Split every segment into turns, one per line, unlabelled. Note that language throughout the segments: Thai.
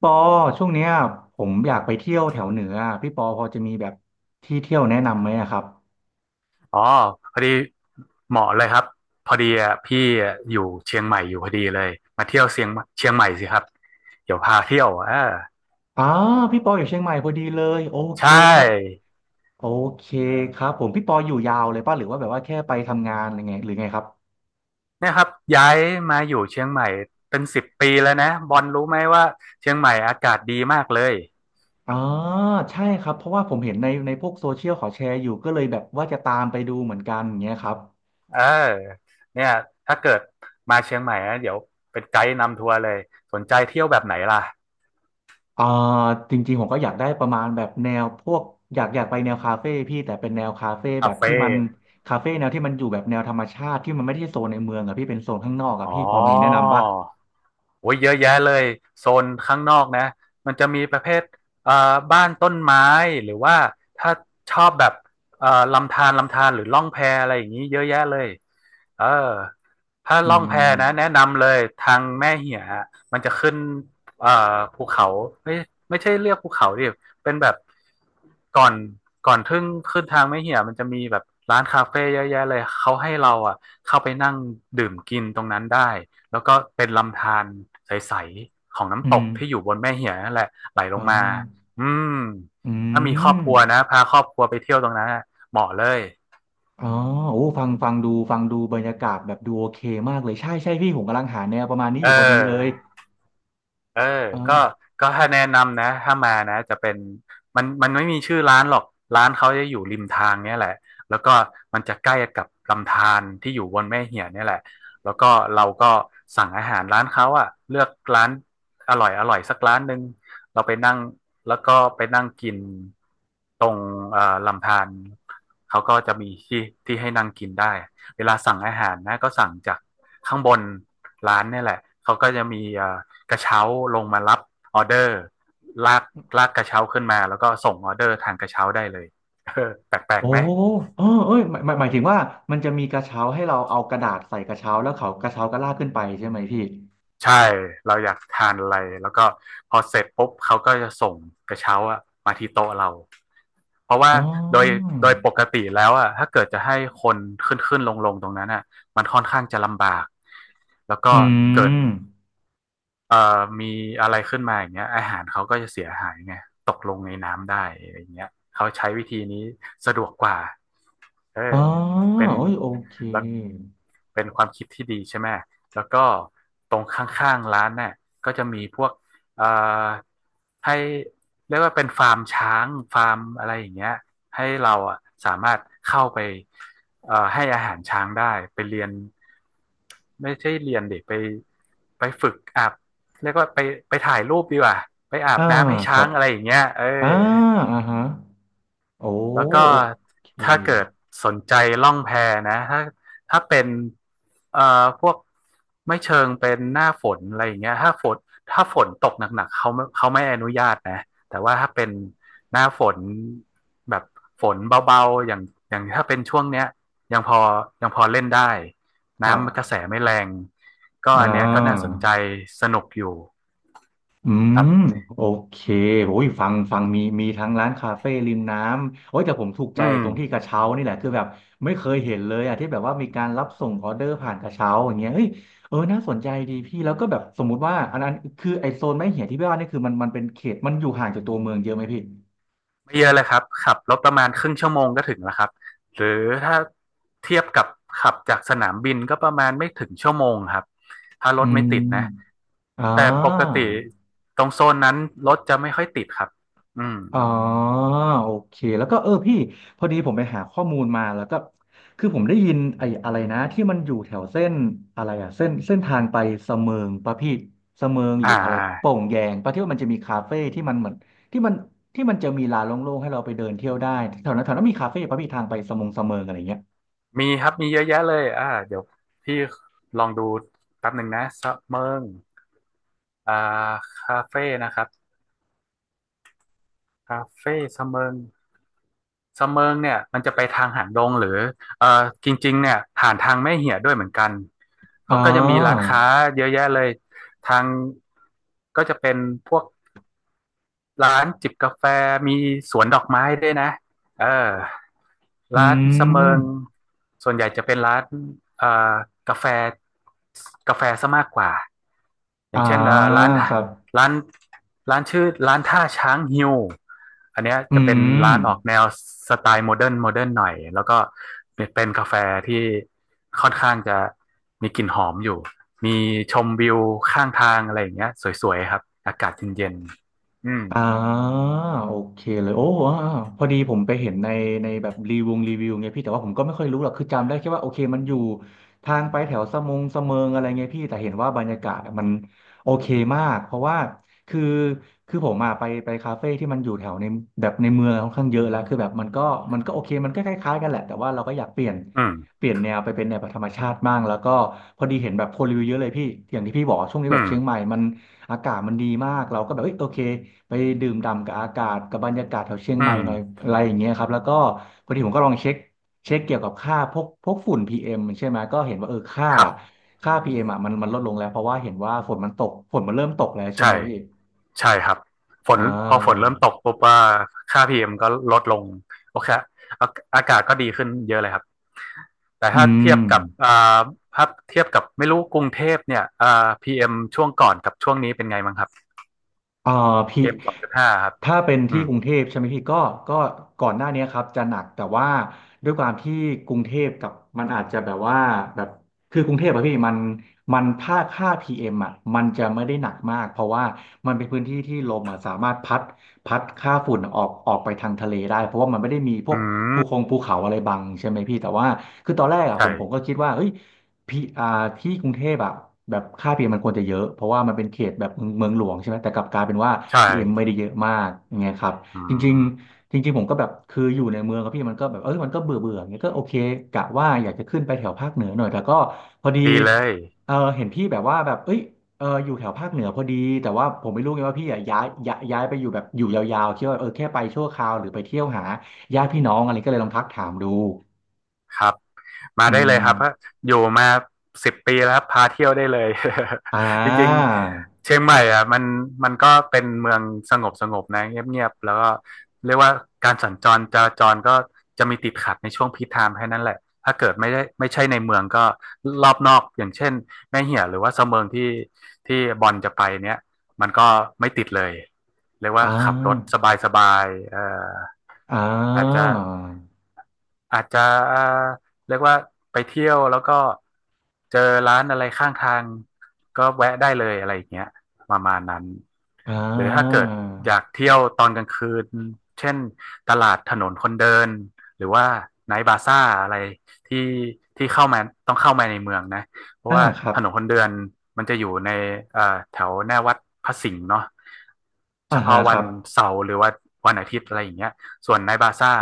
ปอช่วงเนี้ยผมอยากไปเที่ยวแถวเหนืออะพี่ปอพอจะมีแบบที่เที่ยวแนะนำไหมอะครับ
อ๋อพอดีเหมาะเลยครับพอดีอ่ะพี่อ่ะอยู่เชียงใหม่อยู่พอดีเลยมาเที่ยวเชียงใหม่สิครับเดี๋ยวพาเที่ยวอ่า
อ๋อพี่ปออยู่เชียงใหม่พอดีเลยโอ
ใช
เคครับ
่
โอเคครับผมพี่ปออยู่ยาวเลยป่ะหรือว่าแบบว่าแค่ไปทำงานอะไรไงหรือไงครับ
เนี่ยครับย้ายมาอยู่เชียงใหม่เป็นสิบปีแล้วนะบอลรู้ไหมว่าเชียงใหม่อากาศดีมากเลย
อ๋อใช่ครับเพราะว่าผมเห็นในพวกโซเชียลเขาแชร์อยู่ก็เลยแบบว่าจะตามไปดูเหมือนกันอย่างเงี้ยครับ
เออเนี่ยถ้าเกิดมาเชียงใหม่นะเดี๋ยวเป็นไกด์นำทัวร์เลยสนใจเที่ยวแบบไหนล่ะ
อ่าจริงๆผมก็อยากได้ประมาณแบบแนวพวกอยากไปแนวคาเฟ่พี่แต่เป็นแนวคาเฟ่แบ
คา
บที่
เฟ่
มันคาเฟ่แนวที่มันอยู่แบบแนวธรรมชาติที่มันไม่ได้โซนในเมืองอะพี่เป็นโซนข้างนอกอะ
อ๋อ
พี่พอมีแนะนำปะ
โอ้ยเยอะแยะเลยโซนข้างนอกนะมันจะมีประเภทเอ่อบ้านต้นไม้หรือว่าถ้าชอบแบบเอ่อลำธารหรือล่องแพอะไรอย่างนี้เยอะแยะเลยเออถ้า
อื
ล่องแพ
ม
นะแนะนำเลยทางแม่เหียมันจะขึ้นเอ่อภูเขาไม่ไม่ใช่เรียกภูเขาดิเป็นแบบก่อนก่อนทึ่งขึ้นทางแม่เหียมันจะมีแบบร้านคาเฟ่เยอะแยะเลยเขาให้เราอ่ะเข้าไปนั่งดื่มกินตรงนั้นได้ แล้วก็เป็นลำธารใสๆของน้ำ
อื
ต
ม
กที่อยู่บนแม่เหียนั่นแหละไหลล
อ่
งมา
า
อืม
อื
ถ้ามีครอบ
ม
ครัวนะพาครอบครัวไปเที่ยวตรงนั้นเหมาะเลย
อ๋อโอ้ฟังฟังดูฟังดูบรรยากาศแบบดูโอเคมากเลยใช่ใช่พี่ผมกำลังหาแนวประมาณนี้อ
เออ
ยู่พอดีเลย
เออ
เอ
ก็
อ
ก็ถ้าแนะนำนะถ้ามานะจะเป็นมันไม่มีชื่อร้านหรอกร้านเขาจะอยู่ริมทางเนี่ยแหละแล้วก็มันจะใกล้กับลำธารที่อยู่บนแม่เหียนเนี่ยแหละแล้วก็เราก็สั่งอาหารร้านเขาอะเลือกร้านอร่อยสักร้านหนึ่งเราไปนั่งแล้วก็ไปนั่งกินตรงลำธารเขาก็จะมีที่ที่ให้นั่งกินได้เวลาสั่งอาหารนะก็สั่งจากข้างบนร้านเนี่ยแหละเขาก็จะมีกระเช้าลงมารับออเดอร์ลากลากกระเช้าขึ้นมาแล้วก็ส่งออเดอร์ทางกระเช้าได้เลย แปลก
โอ้
ๆไหม
เออเอ้ยหมายถึงว่ามันจะมีกระเช้าให้เราเอากระดาษใส่กระเช้าแล้วเขากระเช้าก็ลากขึ้นไปใช่ไหมพี่
ใช่เราอยากทานอะไรแล้วก็พอเสร็จปุ๊บเขาก็จะส่งกระเช้าอะมาที่โต๊ะเราเพราะว่า
อ๋
โดย
อ
โดยปกติแล้วอะถ้าเกิดจะให้คนขึ้นลงตรงนั้นอะมันค่อนข้างจะลำบากแล้วก็
อื
เกิด
ม
เอ่อมีอะไรขึ้นมาอย่างเงี้ยอาหารเขาก็จะเสียหายไงตกลงในน้ำได้อะไรอย่างเงี้ยเขาใช้วิธีนี้สะดวกกว่า เออ
อ๋อ
เป็น
โอ้ยโอเค
แล้วเป็นความคิดที่ดีใช่ไหม แล้วก็ตรงข้างๆร้านเนี่ยก็จะมีพวกเอ่อให้เรียกว่าเป็นฟาร์มช้างฟาร์มอะไรอย่างเงี้ยให้เราอ่ะสามารถเข้าไปให้อาหารช้างได้ไปเรียนไม่ใช่เรียนดิไปไปฝึกอาบเรียกว่าไปไปถ่ายรูปดีกว่าไปอาบ
อ่า
น้ำให้
ค
ช้า
รั
ง
บ
อะไรอย่างเงี้ยเอ
อ่า
อ
อ่าฮะโอ้
แล้วก็
โอเค
ถ้าเกิดสนใจล่องแพนะถ้าเป็นเอ่อพวกไม่เชิงเป็นหน้าฝนอะไรอย่างเงี้ยถ้าฝนตกหนักๆเขาไม่อนุญาตนะแต่ว่าถ้าเป็นหน้าฝนแบบฝนเบาๆอย่างถ้าเป็นช่วงเนี้ยยังพอยังพอเล่นได้
ครับ
น้ำกระแสไม่แรงก็อั
อ่า
นเนี้ยก็น่าสนใจสนุกอยู่
อื
ครั
ม
บ
โอเคโอ้ยฟังมีทั้งร้านคาเฟ่ริมน้ำโอ้ยแต่ผมถูกใจ
อืม
ตรงที่กระเช้านี่แหละคือแบบไม่เคยเห็นเลยอ่ะที่แบบว่ามีการรับส่งออเดอร์ผ่านกระเช้าอย่างเงี้ยเฮ้ยเออน่าสนใจดีพี่ แล้วก็แบบสมมุติว่าอันนั้นคือไอโซนไม้เหี่ยที่พี่ว่านี่คือมันเป็นเขตมันอยู่ห่างจากตัวเมืองเยอะไหมพี่
ไม่เยอะเลยครับขับรถประมาณครึ่งชั่วโมงก็ถึงแล้วครับหรือถ้าเทียบกับขับจากสนามบินก็ประมาณไม่ถึงชั่วโมงครับถ้าร
อื
ถไม่ติดนะ
มอ่
แต่ปก
า
ติตรงโซนนั้นรถจะไม่ค่อยติดครับอืม
อ๋อโอเคแล้วก็เออพี่พอดีผมไปหาข้อมูลมาแล้วก็คือผมได้ยินไอ้อะไรนะที่มันอยู่แถวเส้นอะไรอะเส้นทางไปเสมิงปะพี่เสมิงห
อ่
รืออะไรโป่
า
งแยงปะที่ว่ามันจะมีคาเฟ่ที่มันเหมือนที่มันจะมีลานโล่งๆให้เราไปเดินเที่ยวได้แถวนั้นมีคาเฟ่ปะพี่ทางไปสมงเสมิงอะไรเงี้ย
มีครับมีเยอะแยะเลยอ่าเดี๋ยวพี่ลองดูแป๊บหนึ่งนะสะเมิงอ่าคาเฟ่นะครับคาเฟ่สะเมิง เสะเมิงเนี่ยมันจะไปทางหางดงหรือเอ่อจริงๆเนี่ยผ่านทางแม่เหียะด้วยเหมือนกัน
อ๋
เขาก็จะมีร้าน
อ
ค้าเยอะแยะเลยทางก็จะเป็นพวก ร้านจิบกาแฟมีสวนดอกไม้ด้วยนะเออ
อื
ร้านสะเมิง
ม
ส่วนใหญ่จะเป็นร้านเอ่อกาแฟกาแฟซะมากกว่าอ
อ่า
ย่างเช่นร้าน
ค
ท่า
รับ
ร้านร้านชื่อร้านท่าช้างฮิวอันเนี้ย
อื
จะเป็นร้า
ม
นออกแนวสไตล์โมเดิร์นหน่อยแล้วก็เป็นกาแฟที่ค่อนข้างจะมีกลิ่นหอมอยู่มีชมวิวข้างทางอะไรอย่างเงี้ยสวยๆครับอากาศเย็นๆอืม
อ่าโอเคเลยโอ้อ่าพอดีผมไปเห็นในแบบรีวงรีวิวไงพี่แต่ว่าผมก็ไม่ค่อยรู้หรอกคือจำได้แค่ว่าโอเคมันอยู่ทางไปแถวสะมงสะเมิงอะไรไงพี่แต่เห็นว่าบรรยากาศมันโอเคมากเพราะว่าคือผมมาไปคาเฟ่ที่มันอยู่แถวในแบบในเมืองค่อนข้างเยอะแล้วคือแบบมันก็โอเคมันก็คล้ายๆกันแหละแต่ว่าเราก็อยากเปลี่ยน
อืม
แนวไปเป็นแนวแบบธรรมชาติบ้างแล้วก็พอดีเห็นแบบคนรีวิวเยอะเลยพี่อย่างที่พี่บอกวาช่วงนี้
อื
แบบ
ม
เชียงใหม่มัน อากาศมันดีมากเราก็แบบเอ้ยโอเคไปดื่มด่ำกับอากาศกับบรรยากาศแถวเชียง
อื
ใหม่
ม
หน่อยอะไรอย่างเงี้ยครับแล้วก็พอดีผมก็ลองเช็คเกี่ยวกับค่าพวกฝุ่น PM ใช่ไหมก็เห็นว่าเออค่า
ครับ
PM อมอ่ะมันลดลงแล้วเพราะว่าเห็นว่าฝนมันตกฝนมันเริ่มตกแล้วใช่ไหม
ใช่
พี่
ใช่ครับฝน
อ่า
พอฝนเริ่มตกปุ๊บว่าค่าพีเอ็มก็ลดลงโอเคอาอากาศก็ดีขึ้นเยอะเลยครับ แต่
อื
ถ้าเที
ม
ยบกับอ่าถ้าเทียบกับไม่รู้กรุงเทพเนี่ยอ่าพีเอ็มช่วงก่อนกับช่วงนี้เป็นไงบ้างครับ
เอ่อพี่
PM 2.5ครับ
ถ้าเป็น
อื
ที่
ม
กรุงเทพใช่ไหมพี่ก็ก็ก่อนหน้านี้ครับจะหนักแต่ว่าด้วยความที่กรุงเทพกับมันอาจจะแบบว่าแบบคือกรุงเทพอะพี่มันมันค่าพีเอ่ะมันจะไม่ได้หนักมากเพราะว่ามันเป็นพื้นที่ที่ลมอะสามารถพัดค่าฝุ่นออกไปทางทะเลได้เพราะว่ามันไม่ได้มีพวก
อื
ภู
ม
คงภูเขาอะไรบังใช่ไหมพี่แต่ว่าคือตอนแรกอ่ะผมก็
ใช่
คิดว่าเฮ้ย พี่ที่กรุงเทพอะแบบค่าพีเอ็มมันควรจะเยอะ เพราะว่ามันเป็นเขตแบบเมืองเมืองหลวงใช่ไหมแต่กลับกลายเป็นว่า
ใช่
พีเอ็มไม่ได้เยอะมากอย่างเงี้ยครับ
อื
จริง
ม
ๆจริงๆผมก็แบบคืออยู่ในเมืองครับพี่มันก็แบบเออมันก็เบื่อเบื่ออย่างเงี้ยก็โอเคกะว่าอยากจะขึ้นไปแถวภาคเหนือหน่อยแต่ก็พอดี
ดีเลย
เออเห็นพี่แบบว่าแบบเอ้ยเอออยู่แถวภาคเหนือพอดีแต่ว่าผมไม่รู้ไงว่าพี่อะย้ายไปอยู่แบบอยู่ยาวๆคิดว่าเออแค่ไปชั่วคราวหรือไปเที่ยวหาญาติพี่น้องอะไรก็เลยลองทักถามดู
ครับมา
อื
ได้
ม
เลยครับอยู่มาสิบปีแล้วครับพาเที่ยวได้เลย
อ่
จริง
า
ๆเชียงใหม่อ่ะมันก็เป็นเมืองสงบสงบนะเงียบๆแล้วก็เรียกว่าการสัญจรจราจรก็จะมีติดขัดในช่วงพีคไทม์แค่นั้นแหละถ้าเกิดไม่ได้ไม่ใช่ในเมืองก็รอบนอกอย่างเช่นแม่เหี่ยหรือว่าเสมิงที่ที่บอลจะไปเนี้ยมันก็ไม่ติดเลยเรียกว่า
อ่
ขับรถ
า
สบายๆอ
อ่
อาจจะ
า
อาจจะเอ่อเรียกว่าไปเที่ยวแล้วก็เจอร้านอะไรข้างทางก็แวะได้เลยอะไรอย่างเงี้ยประมาณนั้น
อ่า
หรือถ้าเกิดอยากเที่ยวตอนกลางคืนเช่นตลาดถนนคนเดินหรือว่าไนท์บาซ่าอะไรที่ที่เข้ามาต้องเข้ามาในเมืองนะเพราะ
อ่า
ว่า
ครั
ถ
บ
นนคนเดินมันจะอยู่ในเอ่อแถวหน้าวัดพระสิงห์เนาะ
อ่า
เฉ
ฮะ
พาะ
ค
วั
รั
น
บ
เสาร์หรือว่าวันอาทิตย์อะไรอย่างเงี้ย ส่วนในท์บาซ่า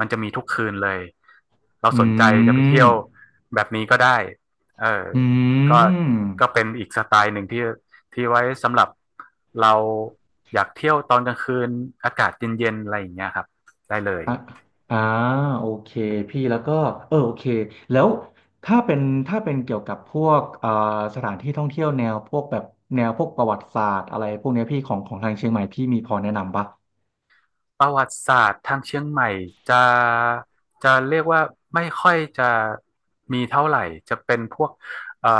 มันจะมีทุกคืนเลยเรา
อื
สนใจจะไป
ม
เที่ยวแบบนี้ก็ได้เออ
อื
ก็
ม
ก็เป็นอีกสไตล์หนึ่งที่ที่ไว้สำหรับเราอยากเที่ยวตอนกลางคืนอากาศเย็นๆอะไรอย่างเงี้ยครับได้เลย
อ่าอ่าโอเคพี่แล้วก็เออโอเคแล้วถ้าเป็นเกี่ยวกับพวกสถานที่ท่องเที่ยวแนวพวกแบบแนวพวกประวัติศาสตร์อะไรพวกเนี้ยพี่ของทางเชียงใหม่พี่มีพอแนะนำปะ
ประวัติศาสตร์ทางเชียงใหม่จะจะเรียกว่าไม่ค่อยจะมีเท่าไหร่จะเป็นพวกเอ่อ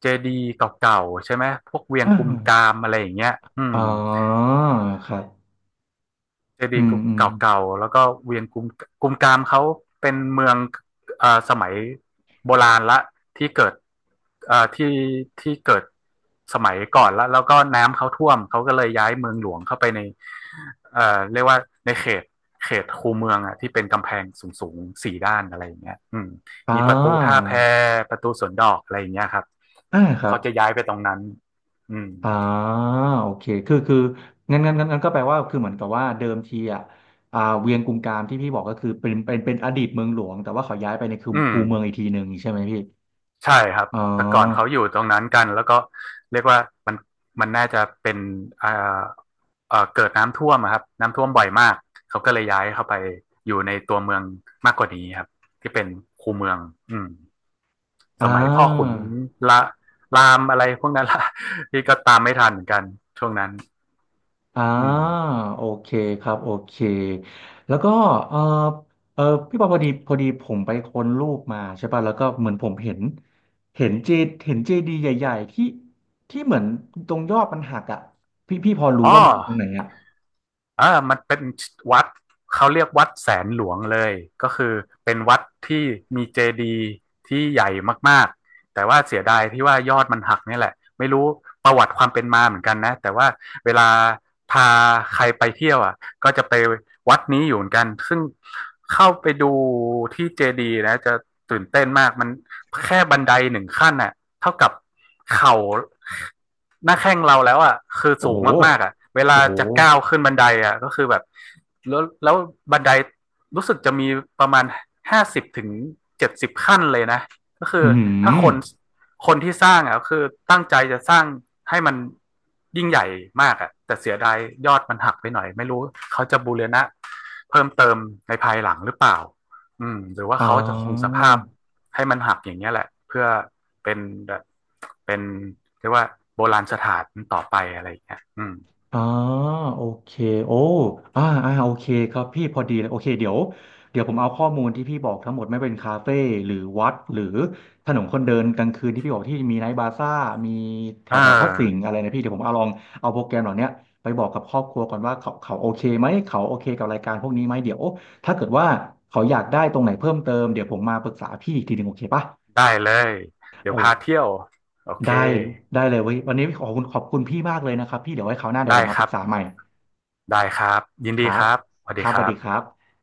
เจดีย์เก่าๆใช่ไหมพวกเวียง
อ่
กุมกา
า
มอะไรอย่างเงี้ยอื
อ๋
ม
อครับ
เจ
อื
ดีย์
มอืม
เก่าๆแล้วก็เวียงกุมกามเขาเป็นเมืองอ่าสมัยโบราณละที่เกิดอ่าที่ที่เกิดสมัยก่อนละแล้วก็น้ำเขาท่วมเขาก็เลยย้ายเมืองหลวงเข้าไปในเรียกว่าในเขตคูเมืองอ่ะที่เป็นกำแพงสูงๆสี่ด้านอะไรอย่างเงี้ยอืม
อ่
มีประตูท่า
า
แพประตูสวนดอกอะไรอย่างเงี้ยครับ
อ่าครับ
เขาจะย้ายไปตรงนั้นอืม
อ่าโอเคคืองั้นก็แปลว่าคือเหมือนกับว่าเดิมทีอ่ะอ่าเวียงกุมกามที่พี่บอกก็คือเป็นอดีตเมืองหลวงแต่ว่าเขาย้ายไปในคู
อืม
เมืองอีกทีหนึ่งใช่ไหมพี่
ใช่ครับ
อ๋
แต่ก่อนเขา
อ
อยู่ตรงนั้นกันแล้วก็เรียกว่ามันมันน่าจะเป็นเอ่อเกิดน้ำท่วมอะครับน้ำท่วมบ่อยมากเขาก็เลยย้ายเข้าไปอยู่ในตัวเมืองมากกว่านี้ครับที่เป็นคูเมืองอืมส
อ่
มัยพ่อขุน
า
ละรามอะไรพวกนั้นละ ที่ก็ตามไม่ทันเหมือนกันช่วงนั้น
อ่า
อืม
โอเคครับโอเคแล้วก็เออเออพี่ปอพอดีผมไปค้นรูปมาใช่ป่ะแล้วก็เหมือนผมเห็นเห็นเจเห็นเจดีย์ใหญ่ๆที่เหมือนตรงยอดมันหักอ่ะพี่พอรู้
อ๋อ
ว่ามันอยู่ตรงไหนอ่ะ
อ่ามันเป็นวัดเขาเรียกวัดแสนหลวงเลยก็คือเป็นวัดที่มีเจดีย์ที่ใหญ่มากๆแต่ว่าเสียดายที่ว่ายอดมันหักนี่แหละไม่รู้ประวัติความเป็นมาเหมือนกันนะแต่ว่าเวลาพาใครไปเที่ยวอ่ะก็จะไปวัดนี้อยู่เหมือนกันซึ่งเข้าไปดูที่เจดีย์นะจะตื่นเต้นมากมันแค่บันไดหนึ่งขั้นน่ะเท่ากับเข่า หน้าแข้งเราแล้วอ่ะคือ
โอ้
สู
โห
งมากๆอ่ะเวลา
โอ้โห
จะก้าวขึ้นบันไดอ่ะก็คือแบบแล้วบันไดรู้สึกจะมีประมาณ50ถึง70ขั้นเลยนะก็คื
อื
อถ้า
ม
คนที่สร้างอ่ะคือตั้งใจจะสร้างให้มันยิ่งใหญ่มากอ่ะแต่เสียดายยอดมันหักไปหน่อยไม่รู้เขาจะบูรณะเพิ่มเติมในภายหลังหรือเปล่าอืมหรือว่า
อ่
เขาจะคงส
า
ภาพ ให้มันหักอย่างเงี้ยแหละเพื่อเป็นแบบเป็นเรียกว่าโบราณสถานต่อไปอะไรอย่างเงี้ยอืม
อ่าโอเคโอ้อ่าอ่าโอเคครับพี่พอดีเลยโอเคเดี๋ยวผมเอาข้อมูลที่พี่บอกทั้งหมดไม่เป็นคาเฟ่หรือวัดหรือถนนคนเดินกลางคืนที่พี่บอกที่มีไนท์บาซ่ามีแถ
เออ
วแถวพระสิงห์อะไรนะพี่เดี๋ยวผมเอาลองเอาโปรแกรมเหล่าเนี้ยไปบอกกับครอบครัวก่อนว่าเขาโอเคไหมเขาโอเคกับรายการพวกนี้ไหมเดี๋ยวถ้าเกิดว่าเขาอยากได้ตรงไหนเพิ่มเติมเดี๋ยวผมมาปรึกษาพี่อีกทีหนึ่งโอเคปะ
ได้เลยเดี๋ยวพา
โอ
เที่ยวโอเค
ได้ได้เลยเว้ยวันนี้ขอบคุณพี่มากเลยนะครับพี่เดี๋ยวไว้คราวหน้าเดี๋ยวผ
ได้
มมา
ค
ป
รั
รึก
บ
ษาใหม่
ได้ครับยิน
ค
ดี
รั
ค
บ
รับสวัส
ค
ดี
รับ
ค
สวัส
รั
ดีครั
บ
บ